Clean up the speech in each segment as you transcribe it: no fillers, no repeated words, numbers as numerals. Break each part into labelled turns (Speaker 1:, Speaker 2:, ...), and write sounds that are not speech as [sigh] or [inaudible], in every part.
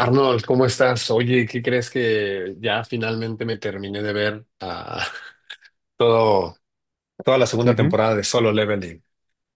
Speaker 1: Arnold, ¿cómo estás? Oye, ¿qué crees que ya finalmente me terminé de ver [laughs] todo, toda la segunda
Speaker 2: Ujú.
Speaker 1: temporada de Solo Leveling?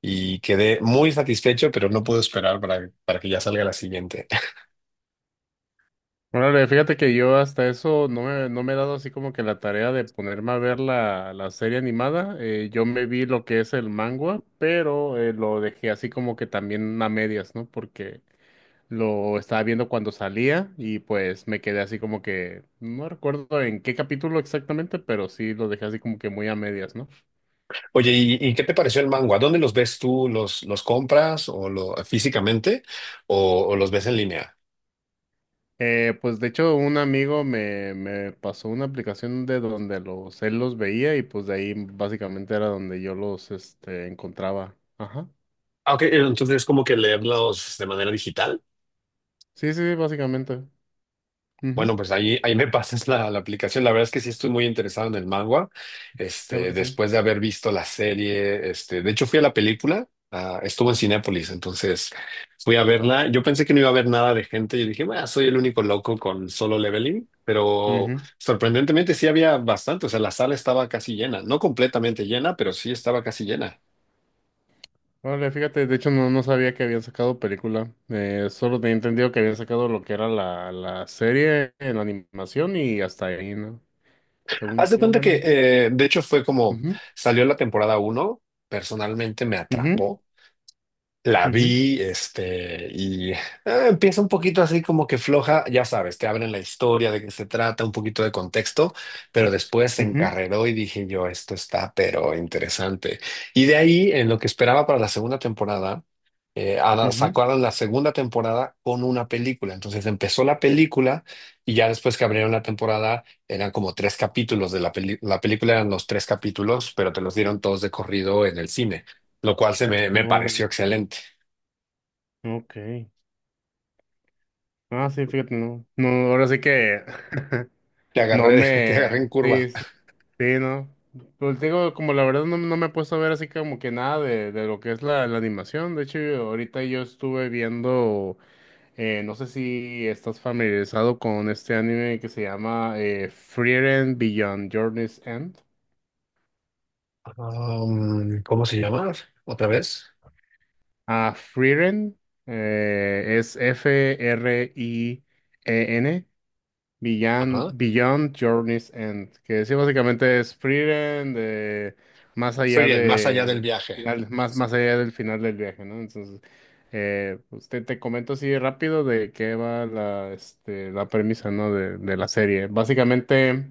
Speaker 1: Y quedé muy satisfecho, pero no puedo esperar para que ya salga la siguiente.
Speaker 2: Órale, fíjate que yo hasta eso no me he dado así como que la tarea de ponerme a ver la serie animada. Yo me vi lo que es el manga, pero lo dejé así como que también a medias, ¿no? Porque lo estaba viendo cuando salía y pues me quedé así como que, no recuerdo en qué capítulo exactamente, pero sí lo dejé así como que muy a medias, ¿no?
Speaker 1: [laughs] Oye, ¿y qué te pareció el manga? ¿Dónde los ves tú? ¿Los compras o lo, físicamente o los ves en línea?
Speaker 2: Pues de hecho un amigo me pasó una aplicación de donde él los veía y pues de ahí básicamente era donde yo los encontraba. Ajá.
Speaker 1: Ah, ok, entonces como que leerlos de manera digital.
Speaker 2: Sí, sí, básicamente. Ujú.
Speaker 1: Bueno, pues ahí me [laughs] pasas la aplicación. La verdad es que sí estoy muy interesado en el manga,
Speaker 2: Claro
Speaker 1: este,
Speaker 2: que sí.
Speaker 1: después de haber visto la serie, este, de hecho fui a la película, estuvo en Cinépolis, entonces fui a verla. Yo pensé que no iba a haber nada de gente, yo dije, bueno, soy el único loco con Solo Leveling, pero
Speaker 2: Ujú.
Speaker 1: sorprendentemente sí había bastante, o sea, la sala estaba casi llena, no completamente llena, pero sí estaba casi llena.
Speaker 2: Órale, fíjate, de hecho no, no sabía que habían sacado película. Solo tenía entendido que habían sacado lo que era la serie en animación y hasta ahí, ¿no?
Speaker 1: Haz
Speaker 2: Según
Speaker 1: de
Speaker 2: yo,
Speaker 1: cuenta que,
Speaker 2: bueno.
Speaker 1: de hecho fue como,
Speaker 2: Ujú,
Speaker 1: salió la temporada uno, personalmente me
Speaker 2: ujú,
Speaker 1: atrapó. La
Speaker 2: ujú,
Speaker 1: vi, este, y empieza un poquito así como que floja, ya sabes, te abren la historia de qué se trata, un poquito de contexto, pero después se
Speaker 2: ujú,
Speaker 1: encarreró y dije yo, esto está pero interesante. Y de ahí, en lo que esperaba para la segunda temporada,
Speaker 2: ujú.
Speaker 1: sacaron la segunda temporada con una película. Entonces empezó la película y ya después que abrieron la temporada eran como tres capítulos de la la película, eran los tres capítulos, pero te los dieron todos de corrido en el cine, lo cual se me pareció
Speaker 2: Oh,
Speaker 1: excelente.
Speaker 2: ok. Ah, sí, fíjate, no. No, ahora sí que [laughs]
Speaker 1: Te
Speaker 2: no
Speaker 1: agarré, [laughs] te agarré
Speaker 2: me.
Speaker 1: en curva.
Speaker 2: Sí, sí, sí, no. Pues te digo, como la verdad no, no me he puesto a ver así como que nada de lo que es la animación. De hecho, ahorita yo estuve viendo, no sé si estás familiarizado con este anime que se llama Frieren Beyond Journey's End.
Speaker 1: ¿Cómo se llama? ¿Otra vez?
Speaker 2: Ah, Frieren es FRIEN. Beyond,
Speaker 1: Ajá.
Speaker 2: Beyond Journey's End, que sí, básicamente es Frieren de más
Speaker 1: Muy
Speaker 2: allá
Speaker 1: bien, más allá del
Speaker 2: de
Speaker 1: viaje.
Speaker 2: más, más allá del final del viaje, ¿no? Entonces, pues te comento así rápido de qué va la premisa, ¿no? De la serie. Básicamente,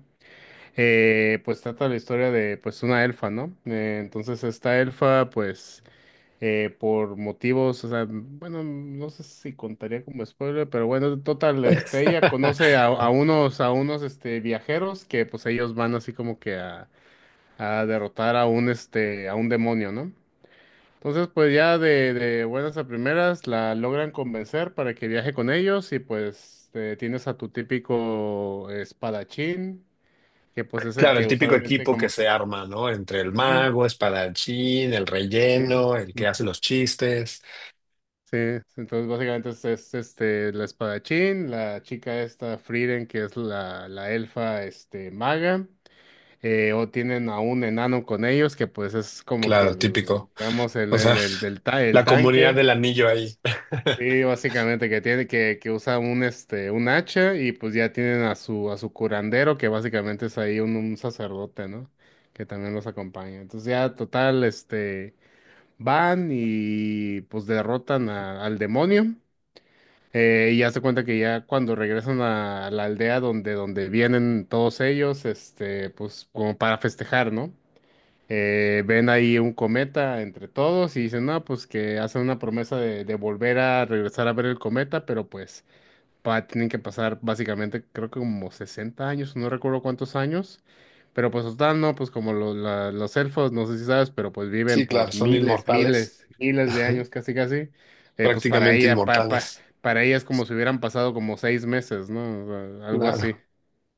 Speaker 2: pues trata la historia de, pues, una elfa, ¿no? Entonces, esta elfa, pues, por motivos, o sea, bueno, no sé si contaría como spoiler, pero bueno, total, ella conoce
Speaker 1: [laughs]
Speaker 2: a a unos, viajeros que pues ellos van así como que a derrotar a a un demonio, ¿no? Entonces, pues ya de buenas a primeras la logran convencer para que viaje con ellos y pues tienes a tu típico espadachín, que pues es el
Speaker 1: Claro, el
Speaker 2: que
Speaker 1: típico
Speaker 2: usualmente
Speaker 1: equipo que
Speaker 2: como...
Speaker 1: se
Speaker 2: que-
Speaker 1: arma, ¿no? Entre el
Speaker 2: Ujú.
Speaker 1: mago, espadachín, el
Speaker 2: Sí.
Speaker 1: relleno, el que hace los chistes.
Speaker 2: Sí, entonces básicamente es la espadachín, la chica esta Frieren, que es la elfa este maga, o tienen a un enano con ellos, que pues es como que
Speaker 1: Claro,
Speaker 2: el,
Speaker 1: típico.
Speaker 2: digamos,
Speaker 1: O sea, [laughs]
Speaker 2: el
Speaker 1: la comunidad
Speaker 2: tanque.
Speaker 1: del anillo ahí. [laughs]
Speaker 2: Y básicamente que tiene, que usa un hacha, y pues ya tienen a su curandero, que básicamente es ahí un sacerdote, ¿no? Que también los acompaña. Entonces ya total, van y pues derrotan al demonio. Y hace cuenta que ya cuando regresan a la aldea donde, donde vienen todos ellos, pues como para festejar, ¿no? Ven ahí un cometa entre todos y dicen, no, pues que hacen una promesa de volver a regresar a ver el cometa, pero pues pa tienen que pasar básicamente, creo que como 60 años, no recuerdo cuántos años, pero pues total, no, pues como los elfos, no sé si sabes, pero pues viven
Speaker 1: Sí, claro,
Speaker 2: por
Speaker 1: son
Speaker 2: miles,
Speaker 1: inmortales.
Speaker 2: miles, miles de
Speaker 1: Ajá.
Speaker 2: años casi casi, pues para
Speaker 1: Prácticamente
Speaker 2: ella,
Speaker 1: inmortales.
Speaker 2: para ella es como si hubieran pasado como 6 meses, ¿no? O sea, algo así.
Speaker 1: Claro.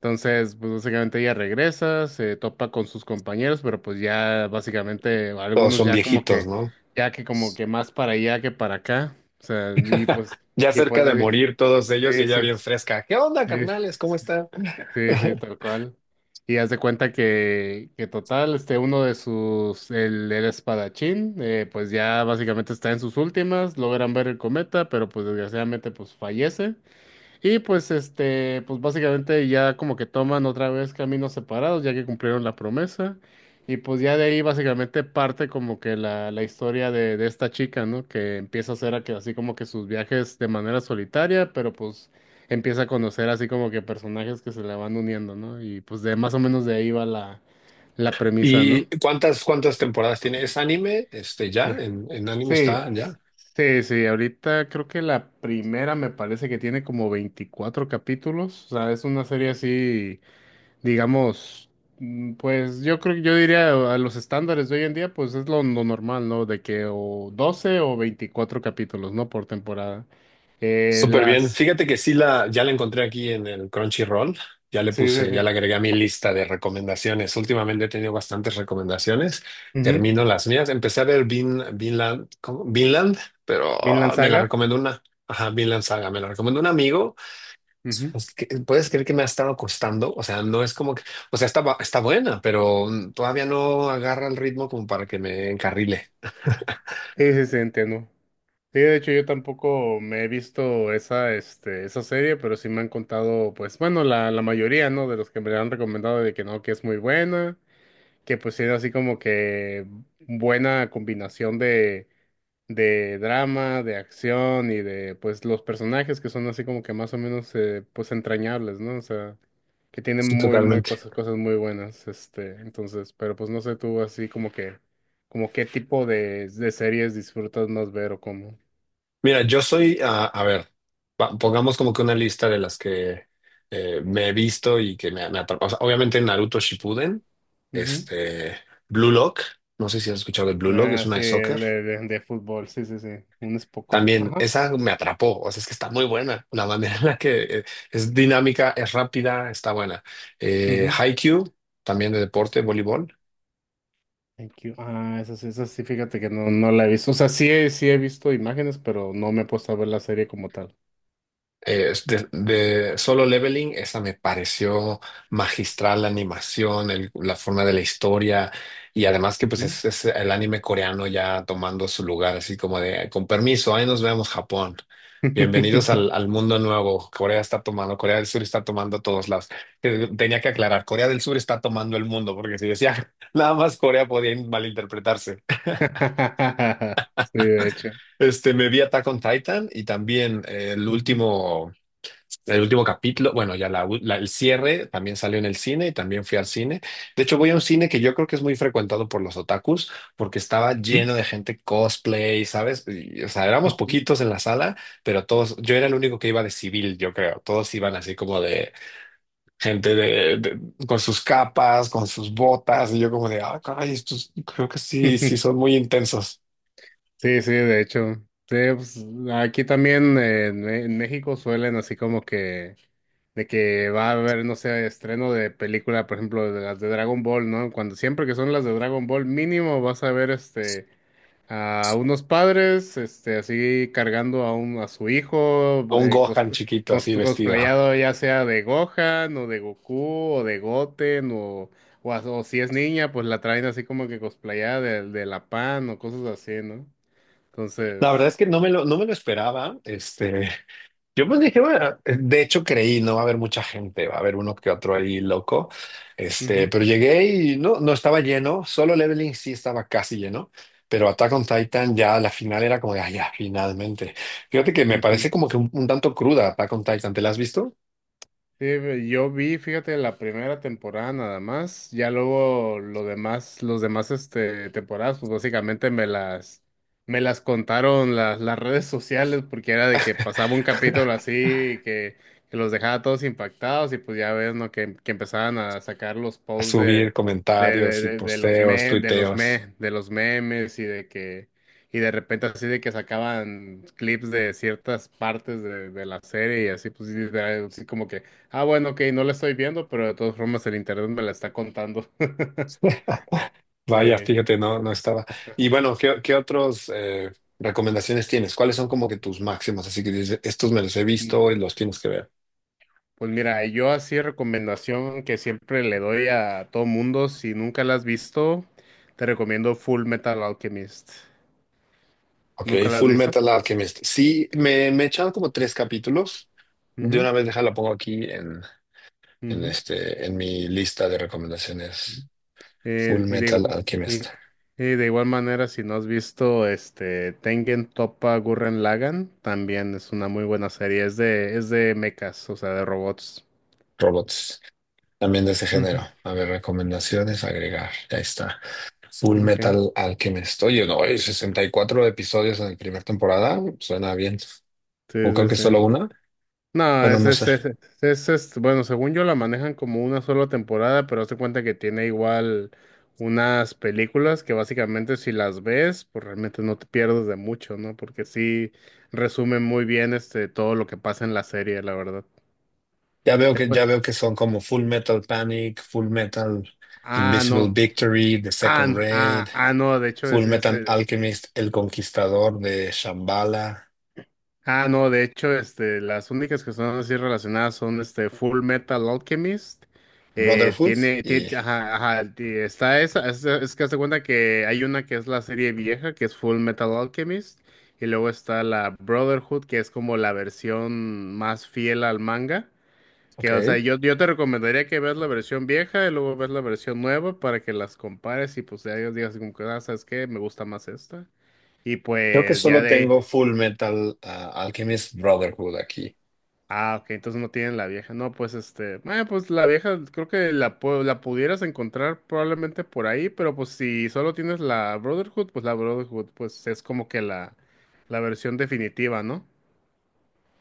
Speaker 2: Entonces, pues básicamente ella regresa, se topa con sus compañeros, pero pues ya básicamente
Speaker 1: Todos
Speaker 2: algunos
Speaker 1: son
Speaker 2: ya como
Speaker 1: viejitos,
Speaker 2: que,
Speaker 1: ¿no?
Speaker 2: ya que como que más para allá que para acá, o sea, y
Speaker 1: [laughs]
Speaker 2: pues...
Speaker 1: Ya
Speaker 2: Y
Speaker 1: cerca
Speaker 2: pues,
Speaker 1: de morir todos ellos y
Speaker 2: sí,
Speaker 1: ella
Speaker 2: sí,
Speaker 1: bien fresca. ¿Qué onda,
Speaker 2: sí,
Speaker 1: carnales? ¿Cómo están?
Speaker 2: sí, sí, tal
Speaker 1: [laughs]
Speaker 2: cual. Y haz de cuenta que total, uno de sus, el espadachín, pues ya básicamente está en sus últimas, logran ver el cometa, pero pues desgraciadamente pues fallece. Y pues pues básicamente ya como que toman otra vez caminos separados, ya que cumplieron la promesa. Y pues ya de ahí básicamente parte como que la historia de esta chica, ¿no? Que empieza a hacer así como que sus viajes de manera solitaria, pero pues empieza a conocer así como que personajes que se le van uniendo, ¿no? Y pues de más o menos de ahí va la premisa,
Speaker 1: ¿Y
Speaker 2: ¿no?
Speaker 1: cuántas temporadas tiene? ¿Es anime? Este, ya, en anime
Speaker 2: Sí,
Speaker 1: está, ya.
Speaker 2: sí, sí, ahorita creo que la primera me parece que tiene como 24 capítulos, o sea, es una serie así, digamos, mm, pues yo creo que yo diría a los estándares de hoy en día, pues es lo normal, ¿no? De que o 12 o 24 capítulos, ¿no? Por temporada.
Speaker 1: Súper bien.
Speaker 2: Las...
Speaker 1: Fíjate que sí la, ya la encontré aquí en el Crunchyroll. Ya le
Speaker 2: Sí, sí,
Speaker 1: puse, ya
Speaker 2: sí.
Speaker 1: la agregué a mi lista de recomendaciones. Últimamente he tenido bastantes recomendaciones.
Speaker 2: Ujú.
Speaker 1: Termino las mías. Empecé a ver Vinland, ¿cómo? Vinland, pero
Speaker 2: Vinland
Speaker 1: me la
Speaker 2: Saga.
Speaker 1: recomendó una, ajá, Vinland Saga. Me la recomendó un amigo.
Speaker 2: Ujú.
Speaker 1: Es que, ¿puedes creer que me ha estado costando? O sea, no es como que, o sea, está, está buena, pero todavía no agarra el ritmo como para que me encarrile.
Speaker 2: Sí, sí, sí, entiendo. Sí, de hecho yo tampoco me he visto esa, esa serie, pero sí me han contado, pues bueno, la mayoría, ¿no? De los que me la han recomendado de que no, que es muy buena, que pues era así como que buena combinación de drama, de acción y de, pues, los personajes que son así como que más o menos, pues, entrañables, ¿no? O sea, que tienen
Speaker 1: Sí,
Speaker 2: muy, muy
Speaker 1: totalmente.
Speaker 2: cosas, cosas muy buenas, entonces, pero pues no sé tú así como que, como qué tipo de series disfrutas más ver o cómo.
Speaker 1: Mira, yo soy, a ver, pongamos como que una lista de las que me he visto y que me atrapó. O sea, obviamente Naruto Shippuden,
Speaker 2: Ujú.
Speaker 1: este, Blue Lock, no sé si has escuchado de Blue Lock, es
Speaker 2: Ah,
Speaker 1: una
Speaker 2: sí,
Speaker 1: de soccer.
Speaker 2: el de, de fútbol, sí, sí, sí, un espocón.
Speaker 1: También
Speaker 2: Ajá.
Speaker 1: esa me atrapó, o sea, es que está muy buena. La manera en la que es dinámica, es rápida, está buena.
Speaker 2: Ujú.
Speaker 1: Haikyuu, también de deporte, voleibol.
Speaker 2: Thank you. Ah, esa, esa sí, fíjate que no, no la he visto. O sea, sí, sí he visto imágenes, pero no me he puesto a ver la serie como tal.
Speaker 1: Eh, de Solo Leveling, esa me pareció magistral la animación, la forma de la historia y además que pues
Speaker 2: Ujú.
Speaker 1: es el anime coreano ya tomando su lugar, así como de, con permiso, ahí nos vemos Japón. Bienvenidos al mundo nuevo. Corea está tomando, Corea del Sur está tomando todos lados. Tenía que aclarar, Corea del Sur está tomando el mundo, porque si decía [laughs] nada más Corea podía malinterpretarse.
Speaker 2: [laughs] Sí, de hecho.
Speaker 1: Este, me vi Attack on Titan y también el
Speaker 2: Ujú.
Speaker 1: último. El último capítulo, bueno, ya la, el cierre también salió en el cine y también fui al cine. De hecho, voy a un cine que yo creo que es muy frecuentado por los otakus porque estaba
Speaker 2: ¿Mm?
Speaker 1: lleno de gente cosplay, ¿sabes? Y, o sea, éramos
Speaker 2: Ujú.
Speaker 1: poquitos en la sala, pero todos, yo era el único que iba de civil, yo creo. Todos iban así como de gente con sus capas, con sus botas, y yo como de, ah, caray, estos creo que sí, sí
Speaker 2: [laughs]
Speaker 1: son muy intensos.
Speaker 2: Sí, sí, de hecho. Sí, pues, aquí también en México suelen así como que de que va a haber, no sé, estreno de película, por ejemplo, de las de Dragon Ball, ¿no? Cuando siempre que son las de Dragon Ball, mínimo vas a ver a unos padres, así cargando a un, a su hijo,
Speaker 1: Un Gohan chiquito así vestido.
Speaker 2: cosplayado ya sea de Gohan o de Goku o de Goten o si es niña, pues la traen así como que cosplayada de la Pan o cosas así, ¿no?
Speaker 1: La verdad
Speaker 2: Entonces,
Speaker 1: es que no me lo esperaba. Este, yo pues dije, bueno, de hecho creí, no va a haber mucha gente, va a haber uno que otro ahí loco. Este,
Speaker 2: ujú,
Speaker 1: pero llegué y no, no estaba lleno, Solo Leveling sí estaba casi lleno, pero Attack on Titan ya la final era como de, ah, ya, finalmente. Fíjate que me
Speaker 2: ujú.
Speaker 1: parece como que un tanto cruda Attack on Titan, ¿te la has visto?
Speaker 2: Sí, yo vi, fíjate, la primera temporada nada más, ya luego lo demás, los demás temporadas, pues básicamente me las contaron las redes sociales, porque era de que pasaba un capítulo así que los dejaba todos impactados, y pues ya ves, ¿no? Que empezaban a sacar los
Speaker 1: A
Speaker 2: posts
Speaker 1: subir comentarios y
Speaker 2: de los
Speaker 1: posteos,
Speaker 2: me, de los
Speaker 1: tuiteos.
Speaker 2: me, de los memes y de que y de repente así de que sacaban clips de ciertas partes de la serie y así pues y así como que: Ah, bueno, ok, no la estoy viendo, pero de todas formas el internet me la está contando. [laughs]
Speaker 1: [laughs] Vaya,
Speaker 2: Eh,
Speaker 1: fíjate, no, no estaba. Y bueno, qué otros recomendaciones tienes? ¿Cuáles son como que tus máximos? Así que dices, estos me los he visto y
Speaker 2: mm,
Speaker 1: los tienes que ver.
Speaker 2: pues mira, yo así recomendación que siempre le doy a todo mundo, si nunca la has visto, te recomiendo Full Metal Alchemist.
Speaker 1: Ok,
Speaker 2: ¿Nunca la has
Speaker 1: Full
Speaker 2: visto?
Speaker 1: Metal Alchemist. Sí, me echaron como tres capítulos. De
Speaker 2: Ujú,
Speaker 1: una vez deja la pongo aquí en,
Speaker 2: ujú.
Speaker 1: este, en mi lista de recomendaciones. Full
Speaker 2: Eh, y de,
Speaker 1: Metal
Speaker 2: igu-
Speaker 1: Alchemist.
Speaker 2: y, y de igual manera, si no has visto este Tengen Toppa Gurren Lagann, también es una muy buena serie. Es de mechas, o sea, de robots.
Speaker 1: Robots. También de ese género. A ver, recomendaciones, agregar. Ya está. Full
Speaker 2: Ujú, ok.
Speaker 1: Metal Alchemist. Oye, no, hay 64 episodios en la primera temporada. Suena bien.
Speaker 2: Sí,
Speaker 1: O creo
Speaker 2: sí,
Speaker 1: que solo
Speaker 2: sí.
Speaker 1: una.
Speaker 2: No,
Speaker 1: Bueno, no sé.
Speaker 2: es- Bueno, según yo la manejan como una sola temporada, pero hazte cuenta que tiene igual unas películas que básicamente si las ves, pues realmente no te pierdes de mucho, ¿no? Porque sí resumen muy bien todo lo que pasa en la serie, la verdad. Te cue-
Speaker 1: Ya veo que son como Full Metal Panic, Full Metal
Speaker 2: Ah,
Speaker 1: Invisible
Speaker 2: no.
Speaker 1: Victory, The
Speaker 2: Ah,
Speaker 1: Second
Speaker 2: n-
Speaker 1: Raid.
Speaker 2: ah, ah, no, de hecho es,
Speaker 1: Fullmetal Alchemist, El Conquistador de Shambhala,
Speaker 2: Ah, no, de hecho, las únicas que son así relacionadas son este Full Metal Alchemist.
Speaker 1: Brotherhood
Speaker 2: Tiene,
Speaker 1: y...
Speaker 2: tie- ajá, ajá, ti- Está esa, es que hace cuenta que hay una que es la serie vieja, que es Full Metal Alchemist, y luego está la Brotherhood, que es como la versión más fiel al manga. Que, o sea,
Speaker 1: Ok.
Speaker 2: yo te recomendaría que veas la versión vieja y luego veas la versión nueva para que las compares y pues ya digas como que, ah, ¿sabes qué? Me gusta más esta. Y
Speaker 1: Creo que
Speaker 2: pues ya
Speaker 1: solo
Speaker 2: de ahí.
Speaker 1: tengo Fullmetal Alchemist Brotherhood aquí.
Speaker 2: Ah, ok, entonces no tienen la vieja. No, pues pues la vieja creo que la pudieras encontrar probablemente por ahí, pero pues si solo tienes la Brotherhood pues es como que la versión definitiva, ¿no?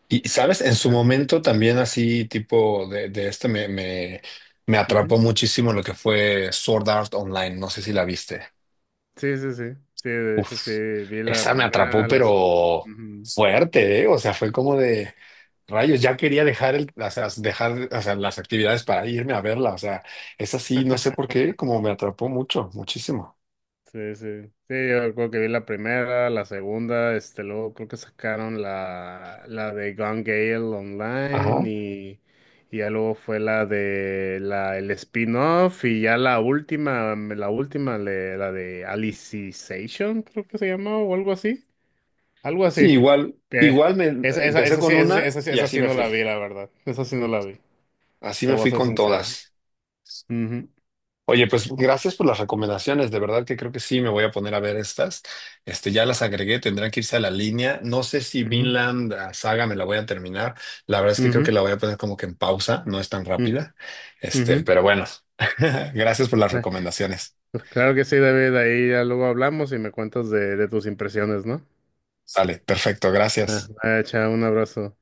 Speaker 1: Y, ¿sabes? En
Speaker 2: O
Speaker 1: su
Speaker 2: sea,
Speaker 1: momento también así tipo de me
Speaker 2: ujú.
Speaker 1: atrapó muchísimo lo que fue Sword Art Online. No sé si la viste.
Speaker 2: Sí, sí, sí. Sí, de hecho sí,
Speaker 1: Uf,
Speaker 2: vi la
Speaker 1: esa me atrapó,
Speaker 2: primera, las...
Speaker 1: pero
Speaker 2: Ujú.
Speaker 1: fuerte, ¿eh? O sea, fue como de rayos, ya quería dejar el, o sea, dejar, o sea, las actividades para irme a verla. O sea, esa sí no sé por qué, como me atrapó mucho, muchísimo.
Speaker 2: Sí, sí. Sí, yo creo que vi la primera, la segunda, luego creo que sacaron la de Gone Gale
Speaker 1: Ajá.
Speaker 2: online y ya luego fue la de el spin-off y ya la última, la de Alicization, creo que se llamaba o algo así. Algo
Speaker 1: Sí,
Speaker 2: así.
Speaker 1: igual,
Speaker 2: Que
Speaker 1: igual me empecé con una y
Speaker 2: esa
Speaker 1: así
Speaker 2: sí
Speaker 1: me
Speaker 2: no la
Speaker 1: fui.
Speaker 2: vi, la verdad. Esa sí no la vi.
Speaker 1: Así
Speaker 2: Te
Speaker 1: me
Speaker 2: voy a
Speaker 1: fui
Speaker 2: ser
Speaker 1: con
Speaker 2: sincero.
Speaker 1: todas.
Speaker 2: Ujú,
Speaker 1: Oye, pues gracias por las recomendaciones. De verdad que creo que sí me voy a poner a ver estas. Este, ya las agregué, tendrán que irse a la línea. No sé si
Speaker 2: ujú,
Speaker 1: Vinland Saga me la voy a terminar. La verdad es que creo que
Speaker 2: ujú,
Speaker 1: la voy a poner como que en pausa, no es tan rápida.
Speaker 2: ujú, ujú.
Speaker 1: Este, pero bueno, [laughs] gracias por las recomendaciones.
Speaker 2: Pues claro que sí, David. Ahí ya luego hablamos y me cuentas de tus impresiones, ¿no?
Speaker 1: Sale, perfecto,
Speaker 2: Ah,
Speaker 1: gracias.
Speaker 2: ah, un abrazo.